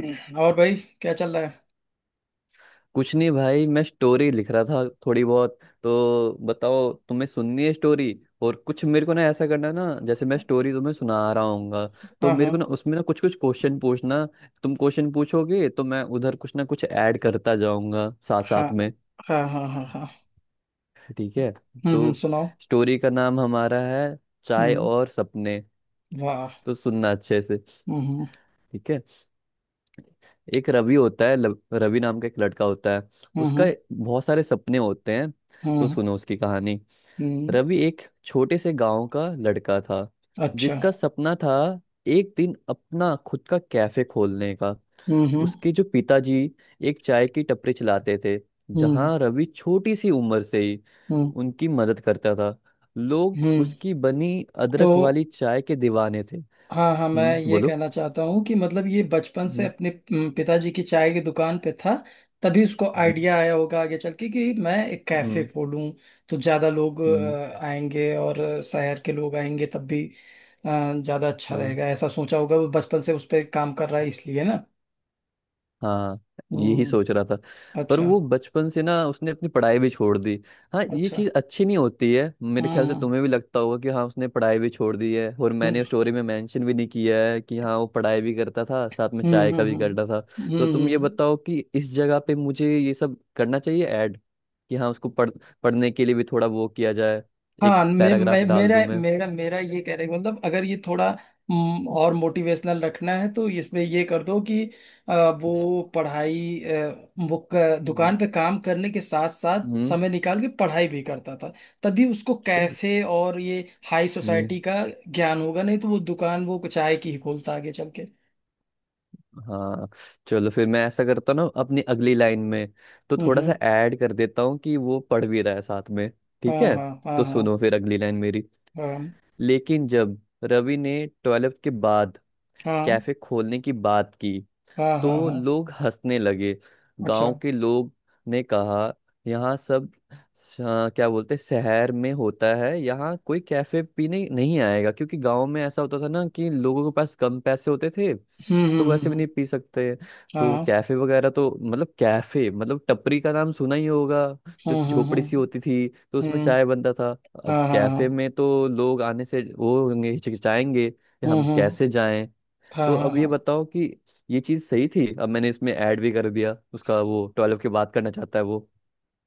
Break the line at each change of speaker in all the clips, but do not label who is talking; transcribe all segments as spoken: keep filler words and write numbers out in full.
हम्म, और भाई, क्या चल रहा है?
कुछ नहीं भाई। मैं स्टोरी लिख रहा था थोड़ी बहुत। तो बताओ तुम्हें सुननी है स्टोरी? और कुछ मेरे को ना ऐसा करना है ना, जैसे मैं स्टोरी तुम्हें सुना रहा हूँगा तो
हाँ,
मेरे
हाँ,
को ना उसमें ना कुछ कुछ क्वेश्चन पूछना। तुम क्वेश्चन पूछोगे तो मैं उधर कुछ ना कुछ ऐड करता जाऊंगा साथ
हाँ,
साथ में।
हाँ, हाँ, हाँ, हाँ।
ठीक है।
हम्म,
तो
हम्म, सुनाओ।
स्टोरी का नाम हमारा है, चाय
हम्म।
और सपने।
वाह।
तो सुनना अच्छे से।
हम्म, हम्म,
ठीक है। एक रवि होता है, लव- रवि नाम का एक लड़का होता है। उसका
हम्म,
बहुत सारे सपने होते हैं।
हम्म,
तो
हम्म,
सुनो उसकी कहानी।
हम्म।
रवि एक छोटे से गांव का लड़का था
अच्छा।
जिसका सपना था एक दिन अपना खुद का कैफे खोलने का।
हम्म, हम्म,
उसके जो पिताजी एक चाय की टपरी चलाते थे,
हम्म,
जहां रवि छोटी सी उम्र से ही
हम्म,
उनकी मदद करता था। लोग
हम्म।
उसकी बनी
तो
अदरक वाली चाय के दीवाने थे।
हाँ, हाँ, मैं
हम्म,
ये
बोलो।
कहना चाहता हूँ कि मतलब ये बचपन से
हम्म
अपने अम, पिताजी की चाय की दुकान पे था। तभी उसको
हम्म
आइडिया आया होगा आगे चल के कि मैं एक कैफे
हम्म
खोलूँ तो ज़्यादा लोग
हम्म।
अ, आएंगे, और शहर के लोग आएंगे तब भी अ, ज़्यादा अच्छा
हाँ
रहेगा। ऐसा सोचा होगा, वो बचपन से उस पर काम कर रहा है इसलिए ना।
हाँ, यही
हम्म।
सोच रहा था। पर
अच्छा।
वो बचपन से ना, उसने अपनी पढ़ाई भी छोड़ दी। हाँ, ये
अच्छा।
चीज़ अच्छी नहीं होती है मेरे ख्याल से,
हम्म,
तुम्हें भी लगता होगा कि हाँ, उसने पढ़ाई भी छोड़ दी है और
हम्म,
मैंने स्टोरी में मेंशन भी नहीं किया है कि हाँ, वो पढ़ाई भी करता था साथ में चाय
हम्म, हम्म,
का भी करता था।
हम्म, हम्म,
तो
हम्म,
तुम ये
हम्म।
बताओ कि इस जगह पे मुझे ये सब करना चाहिए ऐड, कि हाँ उसको पढ़ पढ़ने के लिए भी थोड़ा वो किया जाए। एक
हाँ, मे,
पैराग्राफ
मे,
डाल
मेरा
दूं मैं?
मेरा मेरा ये कह रहे मतलब अगर ये थोड़ा हम्म, और मोटिवेशनल रखना है तो इसमें ये कर दो कि अ,
हम्म
वो पढ़ाई अ, वो क-
हम्म
दुकान पे काम करने के साथ साथ
हम्म।
समय निकाल के पढ़ाई भी करता था। तभी उसको
चल।
कैफे और ये हाई
हम्म।
सोसाइटी का ज्ञान होगा, नहीं तो वो दुकान वो चाय की ही खोलता आगे चल के।
हाँ। चलो फिर मैं ऐसा करता हूँ ना अपनी अगली लाइन में, तो
हम्म,
थोड़ा सा
हम्म,
ऐड कर देता हूँ कि वो पढ़ भी रहा है साथ में।
हाँ,
ठीक है।
हाँ, हाँ,
तो
हाँ,
सुनो फिर अगली लाइन मेरी।
हाँ,
लेकिन जब रवि ने ट्वेल्थ के बाद
हाँ,
कैफे खोलने की बात की
हाँ, हाँ,
तो
हाँ।
लोग हंसने लगे।
अच्छा।
गांव के लोग ने कहा यहाँ सब अ, क्या बोलते हैं, शहर में होता है, यहाँ कोई कैफे पीने नहीं आएगा, क्योंकि गांव में ऐसा होता था ना कि लोगों के पास कम पैसे होते थे
हम्म,
तो
हम्म, हम्म,
वैसे भी
हम्म,
नहीं पी सकते हैं। तो
हाँ,
कैफे वगैरह तो, मतलब कैफे मतलब, टपरी का नाम सुना ही होगा जो
हम्म, हम्म,
झोपड़ी सी
हम्म,
होती थी, तो उसमें
हम्म,
चाय बनता था। अब
हाँ, हाँ,
कैफे
हाँ,
में तो लोग आने से वो होंगे, हिचकिचाएंगे कि
हम्म,
हम
हम्म,
कैसे जाएं।
हाँ,
तो
हाँ,
अब ये
हाँ।
बताओ कि ये चीज सही थी, अब मैंने इसमें ऐड भी कर दिया उसका, वो टॉयलेट की बात करना चाहता है वो।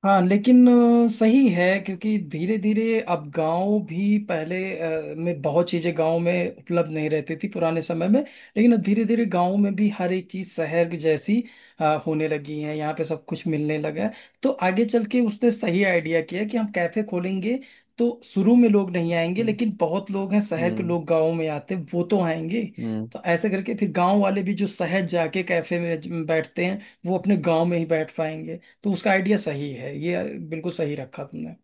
हाँ, लेकिन अ, सही है क्योंकि धीरे धीरे अब गांव भी पहले अ, में बहुत चीजें गांव में उपलब्ध नहीं रहती थी पुराने समय में, लेकिन अब धीरे धीरे गांव में भी हर एक चीज शहर की जैसी अ, होने लगी है। यहाँ पे सब कुछ मिलने लगा है। तो आगे चल के उसने सही आइडिया किया कि हम कैफे खोलेंगे। तो शुरू में लोग नहीं आएंगे,
हम्म
लेकिन बहुत लोग हैं, शहर के
हम्म
लोग गाँव में आते हैं, वो तो आएंगे।
हम्म।
तो ऐसे करके फिर गांव वाले भी जो शहर जाके कैफे में ज- बैठते हैं, वो अपने गांव में ही बैठ पाएंगे। तो उसका आइडिया सही है ये, बिल्कुल सही रखा तुमने।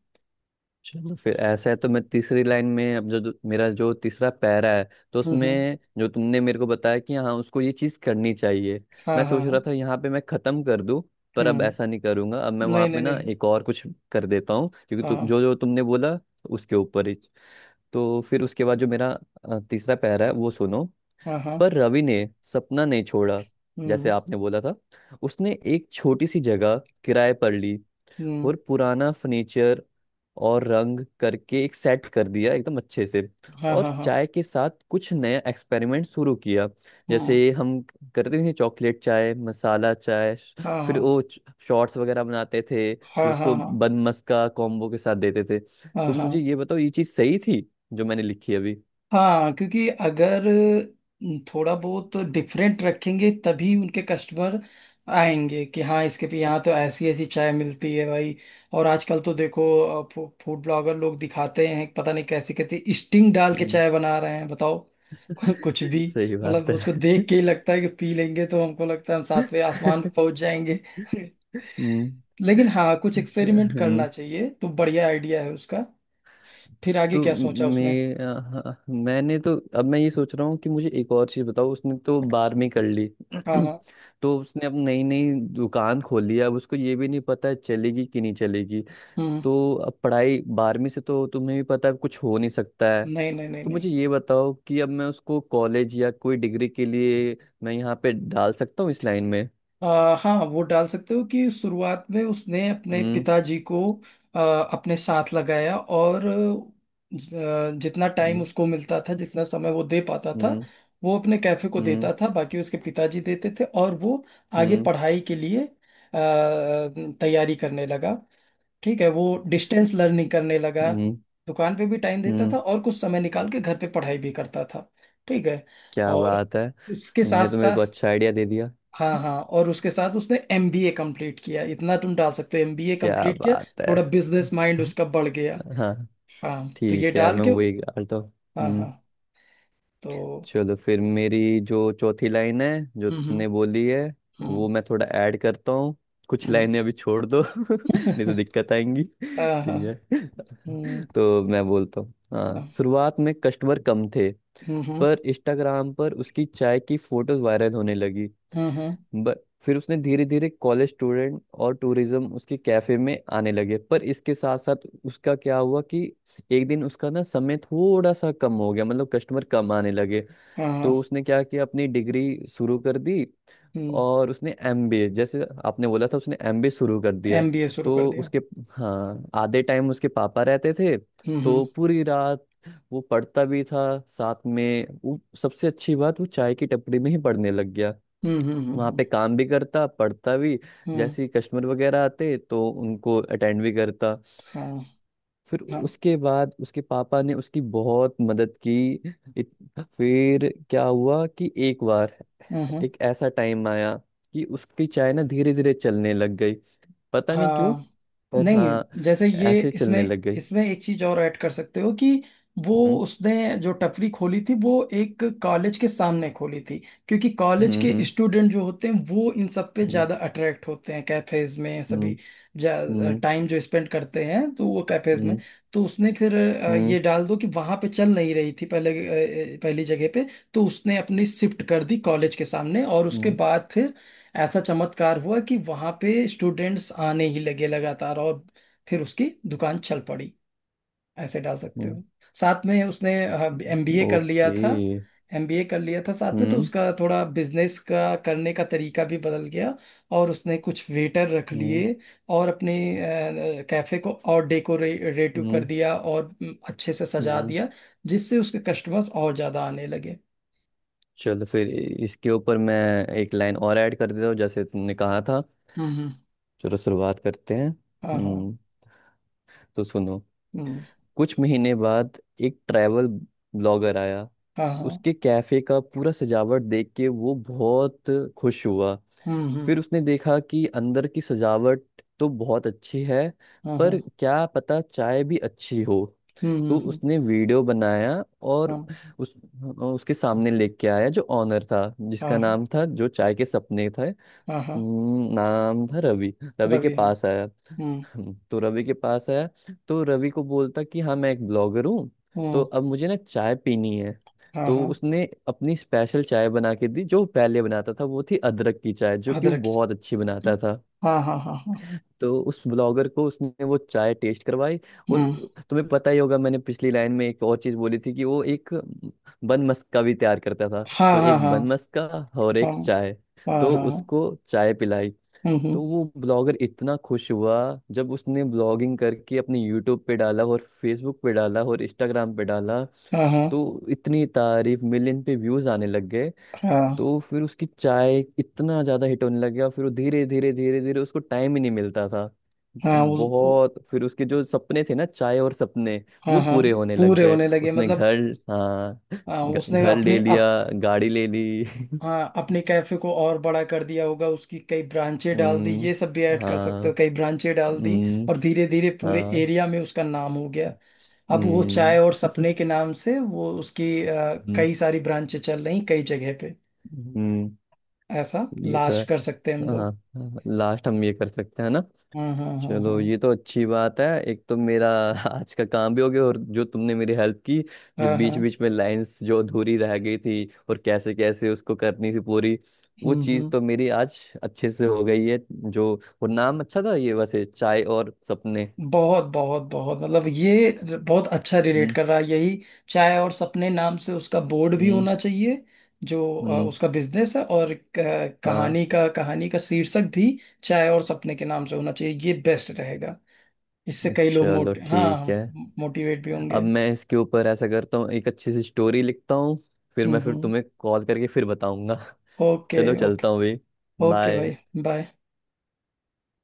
चलो फिर ऐसा है तो मैं तीसरी लाइन में अब जो, जो मेरा जो तीसरा पैरा है, तो
हम्म, हम्म,
उसमें जो तुमने मेरे को बताया कि हाँ उसको ये चीज करनी चाहिए।
हाँ,
मैं
हाँ,
सोच रहा
हाँ,
था यहाँ पे मैं खत्म कर दूं, पर अब
हम्म।
ऐसा नहीं करूंगा, अब मैं वहां
नहीं, नहीं,
पे ना
नहीं।
एक और कुछ कर देता हूँ क्योंकि तु,
हाँ,
जो जो तुमने बोला उसके ऊपर ही। तो फिर उसके बाद जो मेरा अ, तीसरा पैरा है वो सुनो।
हाँ,
पर
हाँ,
रवि ने सपना नहीं छोड़ा, जैसे
हम्म,
आपने बोला था। उसने एक छोटी सी जगह किराए पर ली
हम्म,
और पुराना फर्नीचर और रंग करके एक सेट कर दिया एकदम अच्छे से।
हाँ,
और
हाँ, हाँ,
चाय के साथ कुछ नया एक्सपेरिमेंट शुरू किया,
हम्म,
जैसे हम करते थे चॉकलेट चाय, मसाला चाय, श-
हाँ,
फिर
हाँ,
वो शॉर्ट्स वगैरह बनाते थे, फिर
हाँ, हाँ,
उसको
हाँ,
बन मस्का कॉम्बो के साथ देते थे।
हाँ,
तो मुझे
हाँ,
ये बताओ ये चीज़ सही थी जो मैंने लिखी अभी?
हाँ। क्योंकि अगर थोड़ा बहुत डिफरेंट रखेंगे तभी उनके कस्टमर आएंगे कि हाँ, इसके पे यहाँ तो ऐसी ऐसी चाय मिलती है भाई। और आजकल तो देखो, फू, फूड ब्लॉगर लोग दिखाते हैं, पता नहीं कैसे कैसे स्टिंग डाल के
हम्म।
चाय बना रहे हैं बताओ। कुछ भी।
सही बात
मतलब उसको
है।
देख के ही लगता है कि पी लेंगे तो हमको लगता है हम सातवें आसमान पे पहुंच जाएंगे।
हम्म,
लेकिन हाँ, कुछ एक्सपेरिमेंट करना
हम्म।
चाहिए तो बढ़िया आइडिया है उसका। फिर आगे
तो
क्या सोचा उसने?
मैं अ, मैंने तो, अब मैं ये सोच रहा हूँ कि मुझे एक और चीज़ बताओ। उसने तो बारहवीं कर ली।
हाँ, हाँ,
तो उसने अब नई नई दुकान खोली है, अब उसको ये भी नहीं पता है चलेगी कि नहीं चलेगी।
हम्म।
तो अब पढ़ाई बारहवीं से तो तुम्हें भी पता है कुछ हो नहीं सकता है।
नहीं, नहीं, नहीं,
तो
नहीं।
मुझे ये बताओ कि अब मैं उसको कॉलेज या कोई डिग्री के लिए मैं यहाँ पे डाल सकता हूँ इस लाइन में?
आ, हाँ, वो डाल सकते हो कि शुरुआत में उसने अपने
हम्म
पिताजी को आ, अपने साथ लगाया, और ज- आ, जितना टाइम
हम्म
उसको मिलता था, जितना समय वो दे पाता था
हम्म
वो अपने कैफे को
हम्म
देता था, बाकी उसके पिताजी देते थे। और वो आगे
हम्म
पढ़ाई के लिए आ, तैयारी करने लगा। ठीक है, वो डिस्टेंस लर्निंग करने लगा।
हम्म
दुकान पे भी टाइम देता
हम्म।
था और कुछ समय निकाल के घर पे पढ़ाई भी करता था। ठीक है।
क्या
और
बात है,
इसके साथ
तुमने तो मेरे को
साथ,
अच्छा आइडिया दे दिया।
हाँ, हाँ, और उसके साथ उसने एमबीए कंप्लीट किया। इतना तुम डाल सकते हो, एमबीए
क्या
कंप्लीट किया।
बात है।
थोड़ा बिजनेस माइंड उसका बढ़ गया।
हाँ।
हाँ, तो ये
ठीक है
डाल
मैं
के।
वही गा तो,
हाँ, हाँ।
हम्म।
तो
चलो फिर मेरी जो चौथी लाइन है जो
हम्म, हम्म,
तुमने बोली है
हम्म,
वो मैं थोड़ा ऐड करता हूँ। कुछ
हम्म,
लाइनें अभी छोड़ दो नहीं तो दिक्कत आएंगी,
हाँ, हाँ,
ठीक है।
हम्म,
तो मैं बोलता हूँ, हाँ
हाँ,
शुरुआत में कस्टमर कम थे
हम्म, हम्म,
पर इंस्टाग्राम पर उसकी चाय की फोटोज वायरल होने लगी।
हम्म, हम्म,
बट फिर उसने धीरे धीरे कॉलेज स्टूडेंट और टूरिज्म उसके कैफे में आने लगे। पर इसके साथ साथ उसका क्या हुआ कि एक दिन उसका ना समय थोड़ा सा कम हो गया, मतलब कस्टमर कम आने लगे।
हाँ,
तो
हाँ,
उसने क्या किया, अपनी डिग्री शुरू कर दी।
हम्म।
और उसने एमबीए, जैसे आपने बोला था, उसने एमबीए शुरू कर दिया।
एमबीए शुरू कर
तो
दिया।
उसके, हाँ आधे टाइम उसके पापा रहते थे।
हम्म, हम्म,
तो पूरी रात वो पढ़ता भी था, साथ में वो, सबसे अच्छी बात, वो चाय की टपरी में ही पढ़ने लग गया।
हम्म, हम्म, हम्म,
वहाँ
हम्म,
पे काम भी करता, पढ़ता भी।
हम्म,
जैसे ही कस्टमर वगैरह आते तो उनको अटेंड भी करता।
हाँ,
फिर
हाँ,
उसके बाद उसके पापा ने उसकी बहुत मदद की। इत- फिर क्या हुआ कि एक बार
हम्म, हम्म।
एक ऐसा टाइम आया कि उसकी चाय ना धीरे धीरे चलने लग गई, पता नहीं क्यों,
हाँ,
पर
नहीं,
हाँ
जैसे ये
ऐसे चलने
इसमें
लग गई।
इसमें एक चीज और ऐड कर सकते हो कि वो,
हम्म
उसने जो टपरी खोली थी वो एक कॉलेज के सामने खोली थी, क्योंकि कॉलेज के
हम्म
स्टूडेंट जो होते हैं वो इन सब पे
हम्म
ज्यादा अट्रैक्ट होते हैं, कैफेज में
हम्म
सभी
हम्म
टाइम जो स्पेंड करते हैं तो वो कैफेज में।
हम्म
तो उसने फिर अ,
हम्म
ये डाल दो कि वहां पे चल नहीं रही थी पहले, अ, अ, पहली जगह पे। तो उसने अपनी शिफ्ट कर दी कॉलेज के सामने, और उसके
हम्म
बाद फिर ऐसा चमत्कार हुआ कि वहां पे स्टूडेंट्स आने ही लगे लगातार, और फिर उसकी दुकान चल पड़ी। ऐसे डाल सकते
हम्म।
हो। साथ में उसने एमबीए कर
ओके,
लिया था।
हम्म, okay।
एमबीए कर लिया था साथ में, तो
हम्म
उसका थोड़ा बिजनेस का करने का तरीका भी बदल गया। और उसने कुछ वेटर रख
हम्म
लिए और अपने कैफे को और डेकोरेटिव कर
हम्म,
दिया, और अम, अच्छे से सजा
हम्म।
दिया, जिससे उसके कस्टमर्स और ज्यादा आने लगे।
चलो फिर इसके ऊपर मैं एक लाइन और ऐड कर देता हूँ जैसे तुमने कहा था।
हम्म, हम्म,
चलो शुरुआत करते हैं,
हाँ, हाँ,
हम्म। तो सुनो,
हम्म,
कुछ महीने बाद एक ट्रैवल ब्लॉगर आया।
हाँ, हाँ,
उसके कैफे का पूरा सजावट देख के वो बहुत खुश हुआ।
हम्म, हम्म,
फिर उसने देखा कि अंदर की सजावट तो बहुत अच्छी है,
हाँ,
पर
हाँ,
क्या पता चाय भी अच्छी हो।
हम्म, हम्म,
तो
हम्म,
उसने वीडियो बनाया और
हाँ,
उस उसके सामने लेके आया, जो ऑनर था जिसका
हाँ, हाँ,
नाम था, जो चाय के सपने था,
हाँ, हाँ।
हम्म, नाम था रवि। रवि के
रवि, हाँ।
पास आया।
हम्म,
हम्म, तो रवि के पास आया, तो रवि को बोलता कि हाँ मैं एक ब्लॉगर हूँ, तो
हम्म,
अब मुझे ना चाय पीनी है।
हाँ,
तो
हाँ।
उसने अपनी स्पेशल चाय बना के दी। जो वो पहले बनाता था वो थी अदरक की चाय जो कि वो
अदरक,
बहुत अच्छी बनाता था।
हाँ, हाँ, हाँ, हाँ,
तो उस ब्लॉगर को उसने वो चाय टेस्ट करवाई। और
हम्म,
तुम्हें पता ही होगा मैंने पिछली लाइन में एक और चीज बोली थी कि वो एक बन मस्का भी तैयार करता था।
हाँ,
तो
हाँ,
एक
हाँ,
बन मस्का और
हाँ,
एक चाय,
हाँ, हाँ,
तो
हाँ,
उसको चाय पिलाई।
हम्म,
तो
हम्म,
वो ब्लॉगर इतना खुश हुआ, जब उसने ब्लॉगिंग करके अपने यूट्यूब पे डाला और फेसबुक पे डाला और इंस्टाग्राम पे डाला,
हाँ, हाँ,
तो इतनी तारीफ, मिलियन पे व्यूज आने लग गए।
हाँ,
तो फिर उसकी चाय इतना ज्यादा हिट होने लग गया, फिर वो धीरे धीरे धीरे धीरे, उसको टाइम ही नहीं मिलता था। तो
हाँ उस उ-
बहुत, फिर उसके जो सपने थे ना, चाय और सपने, वो
हाँ, हाँ,
पूरे होने लग
पूरे
गए।
होने लगे
उसने
मतलब।
घर, हाँ
हाँ,
घ-
उसने
घर
अपने
ले लिया,
अप
गाड़ी ले ली।
हाँ, अपने कैफे को और बड़ा कर दिया होगा, उसकी कई ब्रांचें डाल दी,
हम्म
ये सब भी ऐड कर सकते
हाँ
हो, कई ब्रांचें डाल दी।
हम्म
और धीरे धीरे पूरे
हाँ
एरिया में उसका नाम हो गया। अब वो
हम्म
चाय और सपने के नाम से वो उसकी अ,
हम्म
कई सारी ब्रांचें चल रही कई जगह पे।
हम्म।
ऐसा
ये तो
लाश
है।
कर सकते हैं हम लोग।
हाँ, लास्ट हम ये कर सकते हैं ना।
हाँ, हाँ, हाँ, हाँ,
चलो ये तो अच्छी बात है, एक तो मेरा आज का काम भी हो गया, और जो तुमने मेरी हेल्प की, जो
हाँ, हाँ,
बीच बीच में लाइंस जो अधूरी रह गई थी और कैसे कैसे उसको करनी थी पूरी, वो
हम्म,
चीज़
हम्म।
तो मेरी आज अच्छे से हो गई है जो। और नाम अच्छा था ये वैसे, चाय और सपने।
बहुत बहुत बहुत, मतलब ये बहुत अच्छा रिलेट
हम्म
कर रहा है यही, चाय और सपने नाम से उसका बोर्ड भी
हम्म
होना चाहिए। जो अ,
हम्म।
उसका बिजनेस है, और क-
हाँ,
कहानी का कहानी का शीर्षक भी चाय और सपने के नाम से होना चाहिए, ये बेस्ट रहेगा। इससे कई लोग
चलो
मोट हाँ,
ठीक है।
मोटिवेट भी
अब
होंगे।
मैं इसके ऊपर ऐसा करता हूँ, एक अच्छी सी स्टोरी लिखता हूँ। फिर
हम्म,
मैं, फिर
हम्म।
तुम्हें कॉल करके फिर बताऊंगा।
ओके।
चलो चलता हूँ
ओके।
भाई।
ओके भाई।
बाय।
बाय।